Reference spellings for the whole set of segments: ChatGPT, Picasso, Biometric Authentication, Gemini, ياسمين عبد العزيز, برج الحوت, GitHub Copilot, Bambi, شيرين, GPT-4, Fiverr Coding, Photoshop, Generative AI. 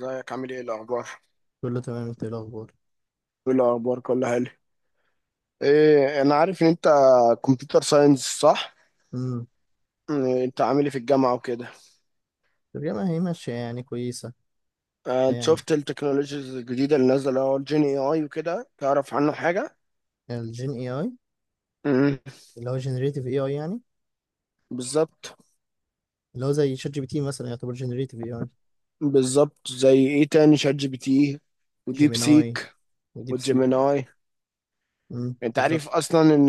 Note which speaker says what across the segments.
Speaker 1: ازيك؟ عامل ايه؟ الاخبار؟
Speaker 2: كله تمام. انت ايه الاخبار؟
Speaker 1: ايه الاخبار؟ كله حلو. ايه، انا عارف ان انت كمبيوتر ساينس، صح؟
Speaker 2: امم.
Speaker 1: إيه، انت عامل ايه في الجامعه وكده؟
Speaker 2: الترجمه هي ماشيه يعني كويسه.
Speaker 1: آه، انت
Speaker 2: يعني
Speaker 1: شفت التكنولوجيز الجديده اللي نازله، اللي هو الجين اي اي وكده؟ تعرف عنه حاجه؟
Speaker 2: الجين اي اي
Speaker 1: امم.
Speaker 2: اللي هو جنريتيف اي اي يعني.
Speaker 1: بالظبط.
Speaker 2: اللي هو زي شات جي بي تي مثلا يعتبر جنريتيف اي اي.
Speaker 1: بالظبط، زي ايه تاني؟ شات جي بي تي وديب
Speaker 2: جيميناي
Speaker 1: سيك
Speaker 2: وديب سيك.
Speaker 1: وجيميناي. انت
Speaker 2: بالظبط.
Speaker 1: عارف اصلا ان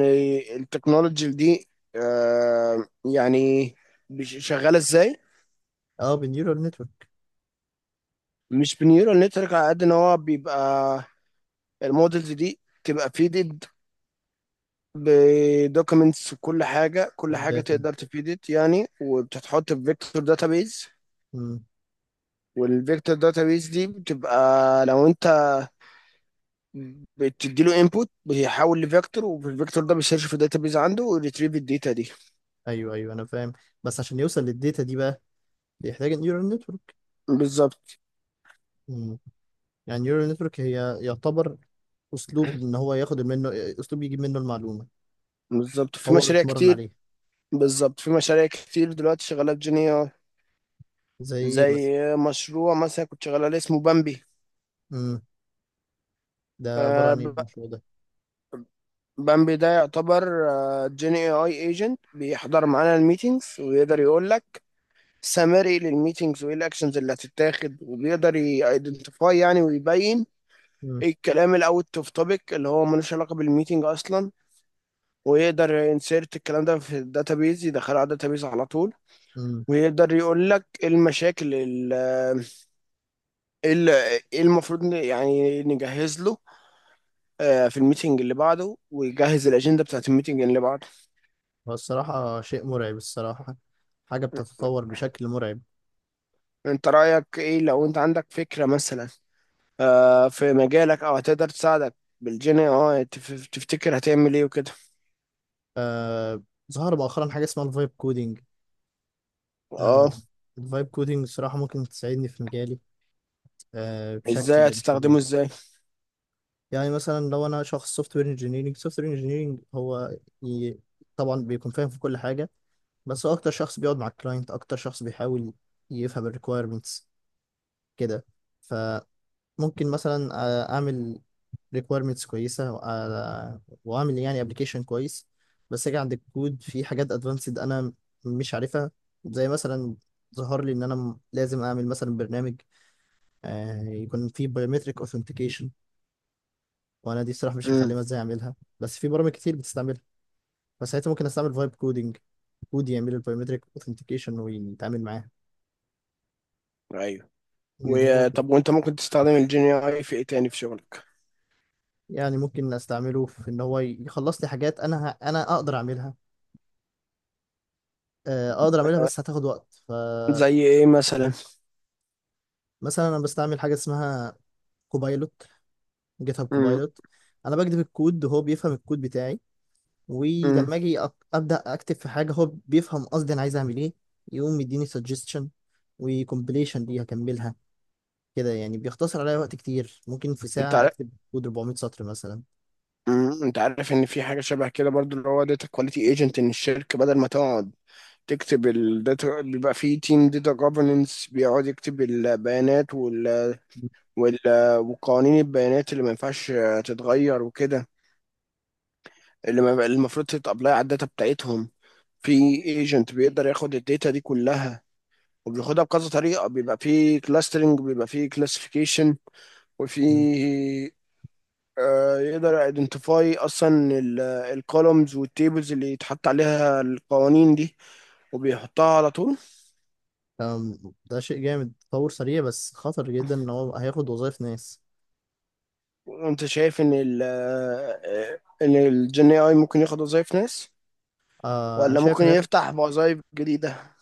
Speaker 1: التكنولوجي دي آه، يعني شغاله ازاي؟
Speaker 2: اه، بالنيورال نتورك
Speaker 1: مش بنيورال نتورك، على قد ان هو بيبقى المودلز دي تبقى فيدد بدوكيمنتس، وكل حاجه كل حاجه
Speaker 2: والداتا.
Speaker 1: تقدر تفيدت يعني، وبتتحط في فيكتور داتابيز.
Speaker 2: امم.
Speaker 1: والفيكتور داتابيز دي بتبقى، لو انت بتدي له انبوت بيحول لفيكتور، والفيكتور ده بيسيرش في الداتابيز عنده ويريتريف الداتا دي.
Speaker 2: ايوه، ايوه، انا فاهم. بس عشان يوصل للداتا دي بقى بيحتاج النيورال نتورك.
Speaker 1: بالظبط.
Speaker 2: امم. يعني النيورال نتورك هي يعتبر اسلوب ان هو ياخد منه، اسلوب يجيب منه المعلومه.
Speaker 1: بالظبط في
Speaker 2: هو
Speaker 1: مشاريع
Speaker 2: بيتمرن
Speaker 1: كتير
Speaker 2: عليه.
Speaker 1: بالظبط في مشاريع كتير دلوقتي شغاله بجينيا.
Speaker 2: زي ايه مثلا؟
Speaker 1: زي مشروع مثلا كنت شغال عليه اسمه
Speaker 2: امم. ده عباره عن ايه
Speaker 1: بامبي.
Speaker 2: المشروع ده؟
Speaker 1: بامبي ده يعتبر جين اي اي ايجنت، بيحضر معانا الميتينجز ويقدر يقول لك سمري للميتينجز، وايه الاكشنز اللي هتتاخد، وبيقدر يايدنتيفاي يعني ويبين ايه الكلام الاوت اوف توبيك اللي هو ملوش علاقه بالميتينج اصلا، ويقدر ينسيرت الكلام ده في الداتابيز، يدخله على الداتابيز على طول.
Speaker 2: امم.
Speaker 1: ويقدر يقول لك ايه المشاكل ال- ايه المفروض يعني نجهز له في الميتينج اللي بعده، ويجهز الاجنده بتاعت الميتينج اللي بعده.
Speaker 2: هو الصراحة شيء مرعب الصراحة. حاجة بتتطور بشكل مرعب.
Speaker 1: انت رأيك ايه، لو انت عندك فكرة مثلا في مجالك، او هتقدر تساعدك بالجين، تفتكر هتعمل ايه وكده؟
Speaker 2: آه. ظهر مؤخرا حاجة اسمها الفايب كودينج. آه.
Speaker 1: اه.
Speaker 2: الفايب كودينج الصراحة ممكن تساعدني في مجالي،
Speaker 1: ازاي
Speaker 2: بشكل مش
Speaker 1: هتستخدمه،
Speaker 2: طبيعي.
Speaker 1: ازاي؟
Speaker 2: يعني مثلا لو أنا شخص سوفت وير انجينيرنج، سوفت وير انجينيرنج هو ي... طبعا بيكون فاهم في كل حاجة. بس هو أكتر شخص بيقعد مع الكلاينت، أكتر شخص بيحاول يفهم الريكويرمنتس كده. فممكن مثلا أعمل ريكويرمنتس كويسه واعمل يعني ابلكيشن كويس. بس اجي عند الكود في حاجات ادفانسد انا مش عارفها. زي مثلا ظهر لي ان انا لازم اعمل مثلا برنامج يكون فيه بايومتريك اوثنتيكيشن. وانا دي الصراحه مش
Speaker 1: امم.
Speaker 2: متعلمه ازاي اعملها، بس في برامج كتير بتستعملها. فساعتها ممكن استعمل فايب كودينج، كود يعمل البايومتريك اوثنتيكيشن ويتعامل معاها.
Speaker 1: ايوه.
Speaker 2: إن هو كده.
Speaker 1: وطب، وانت ممكن تستخدم الجين اي في ايه تاني في شغلك؟
Speaker 2: يعني ممكن استعمله في ان هو يخلص لي حاجات انا انا اقدر اعملها، اقدر اعملها بس هتاخد وقت ف
Speaker 1: زي ايه مثلا؟
Speaker 2: مثلا انا بستعمل حاجه اسمها كوبايلوت، جيت هاب
Speaker 1: امم.
Speaker 2: كوبايلوت. انا بكتب الكود وهو بيفهم الكود بتاعي،
Speaker 1: امم،
Speaker 2: ولما اجي ابدا اكتب في حاجه، هو بيفهم قصدي انا عايز اعمل ايه، يقوم يديني سجستشن وكومبليشن دي هكملها. كده يعني بيختصر عليا وقت كتير، ممكن في
Speaker 1: انت
Speaker 2: ساعه
Speaker 1: عارف.
Speaker 2: اكتب كود 400 سطر مثلا.
Speaker 1: امم، انت عارف ان في حاجة شبه كده برضو، اللي هو داتا كواليتي ايجنت، ان الشركة بدل ما تقعد تكتب الداتا، بيبقى في تيم داتا جوفرنس بيقعد يكتب البيانات وال- وقوانين البيانات اللي ما ينفعش تتغير وكده، اللي ما- اللي المفروض تتابلاي على الداتا بتاعتهم. في ايجنت بيقدر ياخد الداتا دي كلها وبياخدها بكذا طريقة، بيبقى في كلاسترنج، بيبقى في كلاسيفيكيشن، وفي يقدر ايدنتيفاي اصلا الكولومز والتيبلز اللي يتحط عليها القوانين دي، وبيحطها على طول.
Speaker 2: أم، ده شيء جامد، تطور سريع بس خطر جدا ان هو هياخد وظائف ناس.
Speaker 1: انت شايف ان ال آه، ان الجن اي ممكن ياخد وظايف ناس،
Speaker 2: انا
Speaker 1: ولا
Speaker 2: شايف
Speaker 1: ممكن
Speaker 2: هياخد.
Speaker 1: يفتح وظايف جديدة؟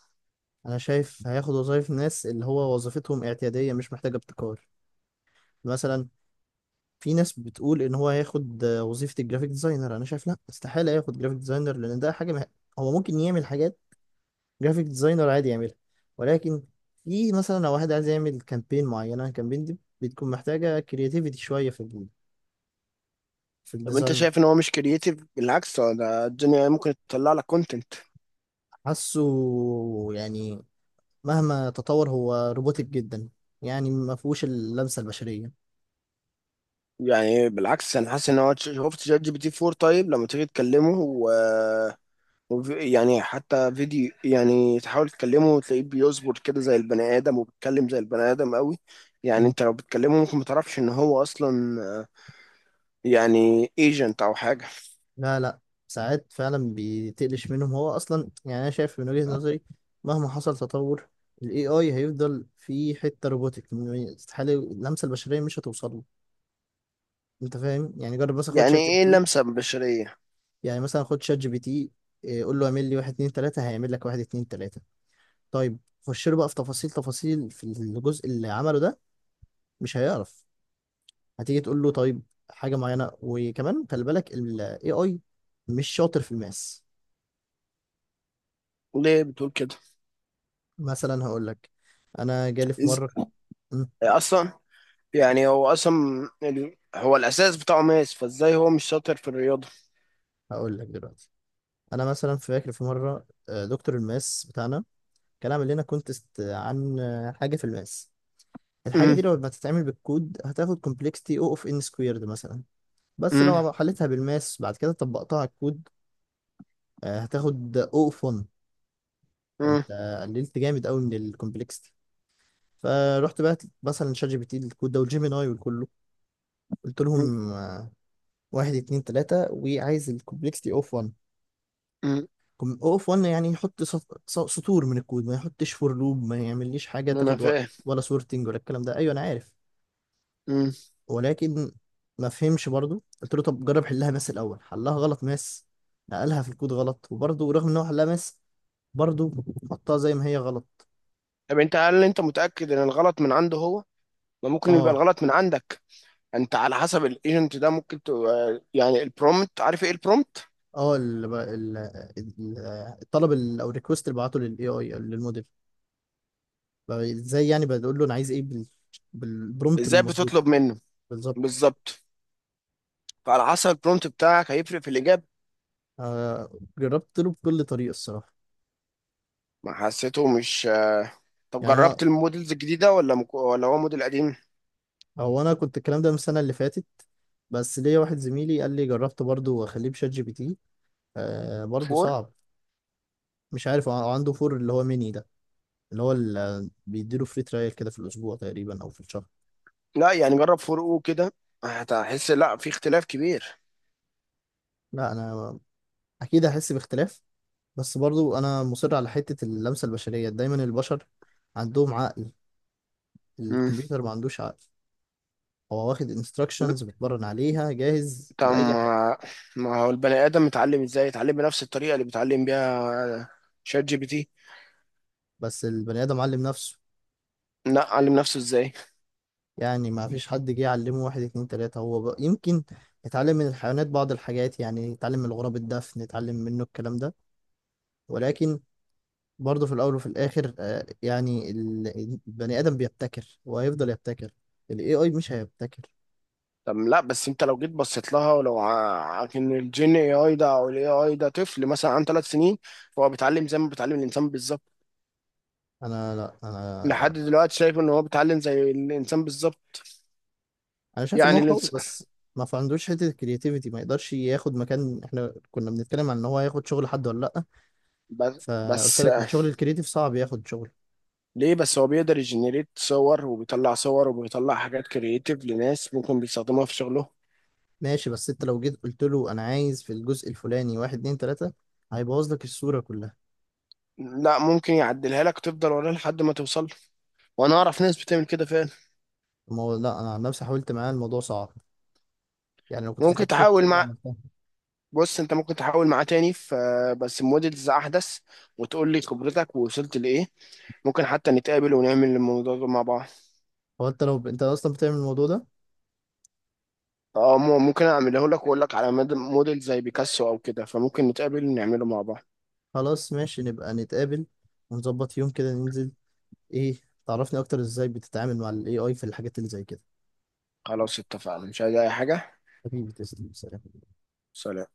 Speaker 2: انا شايف هياخد وظائف ناس اللي هو وظيفتهم اعتيادية مش محتاجة ابتكار. مثلا في ناس بتقول ان هو هياخد وظيفة الجرافيك ديزاينر. انا شايف لا، استحالة ياخد جرافيك ديزاينر لان ده حاجة هو ممكن يعمل حاجات جرافيك ديزاينر عادي يعملها، ولكن في مثلا لو واحد عايز يعمل كامبين معينة، الكامبين دي بتكون محتاجة كرياتيفيتي شوية في في
Speaker 1: طب انت
Speaker 2: الديزاين.
Speaker 1: شايف ان هو مش كرييتيف؟ بالعكس، هو ده الدنيا، ممكن تطلع لك كونتنت.
Speaker 2: حاسه يعني مهما تطور هو روبوتك جدا. يعني ما فيهوش اللمسة البشرية.
Speaker 1: يعني بالعكس، انا حاسس ان هو، شفت شات جي بي تي 4؟ طيب لما تيجي تكلمه يعني حتى فيديو، يعني تحاول تكلمه وتلاقيه بيصبر كده زي البني ادم، وبيتكلم زي البني ادم قوي. يعني انت لو بتكلمه ممكن ما تعرفش ان هو اصلا يعني ايجنت او حاجه.
Speaker 2: لا، لا. ساعات فعلا بتقلش منهم هو اصلا. يعني انا شايف من وجهة نظري، مهما حصل تطور، الاي اي هيفضل في حته روبوتك. استحاله اللمسه البشريه مش هتوصل له. انت فاهم؟ يعني جرب مثلا، خد
Speaker 1: يعني
Speaker 2: شات جي بي
Speaker 1: ايه
Speaker 2: تي.
Speaker 1: اللمسه البشريه؟
Speaker 2: يعني مثلا خد شات جي بي تي، قول له اعمل لي واحد اتنين تلاته، هيعمل لك واحد اتنين تلاته. طيب، خش له بقى في تفاصيل تفاصيل في الجزء اللي عمله ده. مش هيعرف. هتيجي تقول له طيب حاجه معينه، وكمان خلي بالك الاي اي مش شاطر في الماس.
Speaker 1: ليه بتقول كده؟
Speaker 2: مثلا هقول لك، انا جالي في
Speaker 1: إز...
Speaker 2: مره. مم،
Speaker 1: اصلا، يعني هو اصلا هو الاساس بتاعه ماس، فازاي هو مش شاطر في الرياضه؟
Speaker 2: هقول لك دلوقتي، انا مثلا فاكر في مره دكتور الماس بتاعنا كان عامل لنا كونتست عن حاجه في الماس. الحاجه
Speaker 1: مم.
Speaker 2: دي لو ما تتعمل بالكود هتاخد كومبلكسيتي او اوف ان سكويرد مثلا، بس
Speaker 1: مم.
Speaker 2: لو حلتها بالماس بعد كده طبقتها على الكود، هتاخد او اوف 1.
Speaker 1: مم.
Speaker 2: فانت قللت جامد قوي من الكومبلكسيتي. فرحت بقى مثلا شات جي بي تي الكود ده والجيميناي وكله، قلت
Speaker 1: مم.
Speaker 2: لهم واحد اتنين تلاتة وعايز الكومبلكسيتي اوف 1.
Speaker 1: مم.
Speaker 2: او اف 1 يعني يحط سطور من الكود، ما يحطش فور لوب، ما يعمليش حاجه
Speaker 1: انا
Speaker 2: تاخد وقت
Speaker 1: فاهم.
Speaker 2: ولا سورتنج ولا الكلام ده. ايوه، انا عارف،
Speaker 1: مم.
Speaker 2: ولكن ما فهمش برضو. قلت له طب جرب حلها ماس الاول. حلها غلط ماس، نقلها في الكود غلط، وبرضو رغم ان هو حلها ماس، برضو حطها زي ما هي غلط.
Speaker 1: طب انت، هل انت متأكد ان الغلط من عنده هو؟ ما ممكن يبقى
Speaker 2: اه.
Speaker 1: الغلط من عندك. انت على حسب الايجنت ده، ممكن تبقى يعني البرومت، عارف ايه البرومت؟
Speaker 2: اه، ال- الطلب او الريكوست اللي بعته للاي اي للموديل. بقى ازاي يعني بقول له انا عايز ايه بالبرومبت
Speaker 1: ازاي
Speaker 2: المظبوط.
Speaker 1: بتطلب منه؟
Speaker 2: بالظبط.
Speaker 1: بالظبط. فعلى حسب البرومت بتاعك هيفرق في الاجابة.
Speaker 2: آه جربت له بكل طريقه الصراحه.
Speaker 1: ما حسيته مش. طب
Speaker 2: يعني انا،
Speaker 1: جربت المودلز الجديدة ولا ولا هو موديل قديم؟
Speaker 2: هو انا كنت الكلام ده من السنه اللي فاتت، بس ليا واحد زميلي قال لي جربت برضه، واخليه بشات جي بي تي. برضه
Speaker 1: فور.
Speaker 2: صعب. مش عارف هو عنده فور اللي هو ميني ده، اللي هو اللي بيديله فري ترايل كده في الاسبوع تقريبا او في الشهر.
Speaker 1: لا يعني جرب فور او كده، هتحس لا، في اختلاف كبير.
Speaker 2: لا، انا اكيد هحس باختلاف، بس برضه انا مصر على حته اللمسه البشريه. دايما البشر عندهم عقل،
Speaker 1: مم.
Speaker 2: الكمبيوتر ما عندوش عقل. هو واخد انستراكشنز بتمرن عليها جاهز
Speaker 1: طب
Speaker 2: لاي حاجه.
Speaker 1: ما، ما هو البني ادم متعلم ازاي؟ يتعلم بنفس الطريقه اللي بيتعلم بيها شات جي بي تي.
Speaker 2: بس البني ادم علم نفسه.
Speaker 1: لا، علم نفسه ازاي؟
Speaker 2: يعني ما فيش حد جه يعلمه واحد اتنين تلاتة، هو يمكن يتعلم من الحيوانات بعض الحاجات. يعني يتعلم من الغراب الدفن، يتعلم منه الكلام ده. ولكن برضه في الأول وفي الآخر يعني البني آدم بيبتكر وهيفضل يبتكر. ال AI مش هيبتكر.
Speaker 1: طب لا بس انت لو جيت بصيت لها، ولو ان الجين اي اي ده او الاي اي ده طفل مثلا عن 3 سنين، فهو بيتعلم زي ما بيتعلم الانسان بالظبط.
Speaker 2: أنا لا،
Speaker 1: لحد دلوقتي شايف ان هو بيتعلم زي الانسان بالظبط.
Speaker 2: أنا شايف إن هو
Speaker 1: يعني
Speaker 2: قوي،
Speaker 1: الانس...
Speaker 2: بس ما في عندوش حتة الكرياتيفيتي. ما يقدرش ياخد مكان. إحنا كنا بنتكلم عن إن هو ياخد شغل حد ولا لأ،
Speaker 1: بس
Speaker 2: فقلت
Speaker 1: بس
Speaker 2: لك الشغل الكرياتيف صعب ياخد شغل.
Speaker 1: ليه بس هو بيقدر يجنريت صور، وبيطلع صور، وبيطلع حاجات كرييتيف لناس ممكن بيستخدموها في شغلهم؟
Speaker 2: ماشي، بس انت لو جيت قلت له انا عايز في الجزء الفلاني واحد اتنين تلاتة، هيبوظ لك الصورة كلها.
Speaker 1: لا، ممكن يعدلها لك تفضل وراه لحد ما توصل له. وانا اعرف ناس بتعمل كده فعلا.
Speaker 2: ما هو لا، انا عن نفسي حاولت معاه الموضوع صعب، يعني لو كنت
Speaker 1: ممكن
Speaker 2: فتحت
Speaker 1: تحاول
Speaker 2: فوتوشوب
Speaker 1: مع
Speaker 2: عملتها.
Speaker 1: بص، انت ممكن تحاول معاه تاني، ف بس موديلز احدث، وتقول لي خبرتك ووصلت لايه. ممكن حتى نتقابل ونعمل الموضوع ده مع بعض.
Speaker 2: هو انت لو انت اصلا بتعمل الموضوع ده؟
Speaker 1: اه، ممكن اعمله لك واقول لك على موديل زي بيكاسو او كده، فممكن نتقابل ونعمله مع بعض.
Speaker 2: خلاص ماشي، نبقى نتقابل ونظبط يوم كده ننزل، ايه، تعرفني اكتر ازاي بتتعامل مع الاي اي في الحاجات اللي زي كده.
Speaker 1: خلاص، اتفقنا. مش عايز اي حاجة.
Speaker 2: حبيبي تسلم، سلام.
Speaker 1: سلام.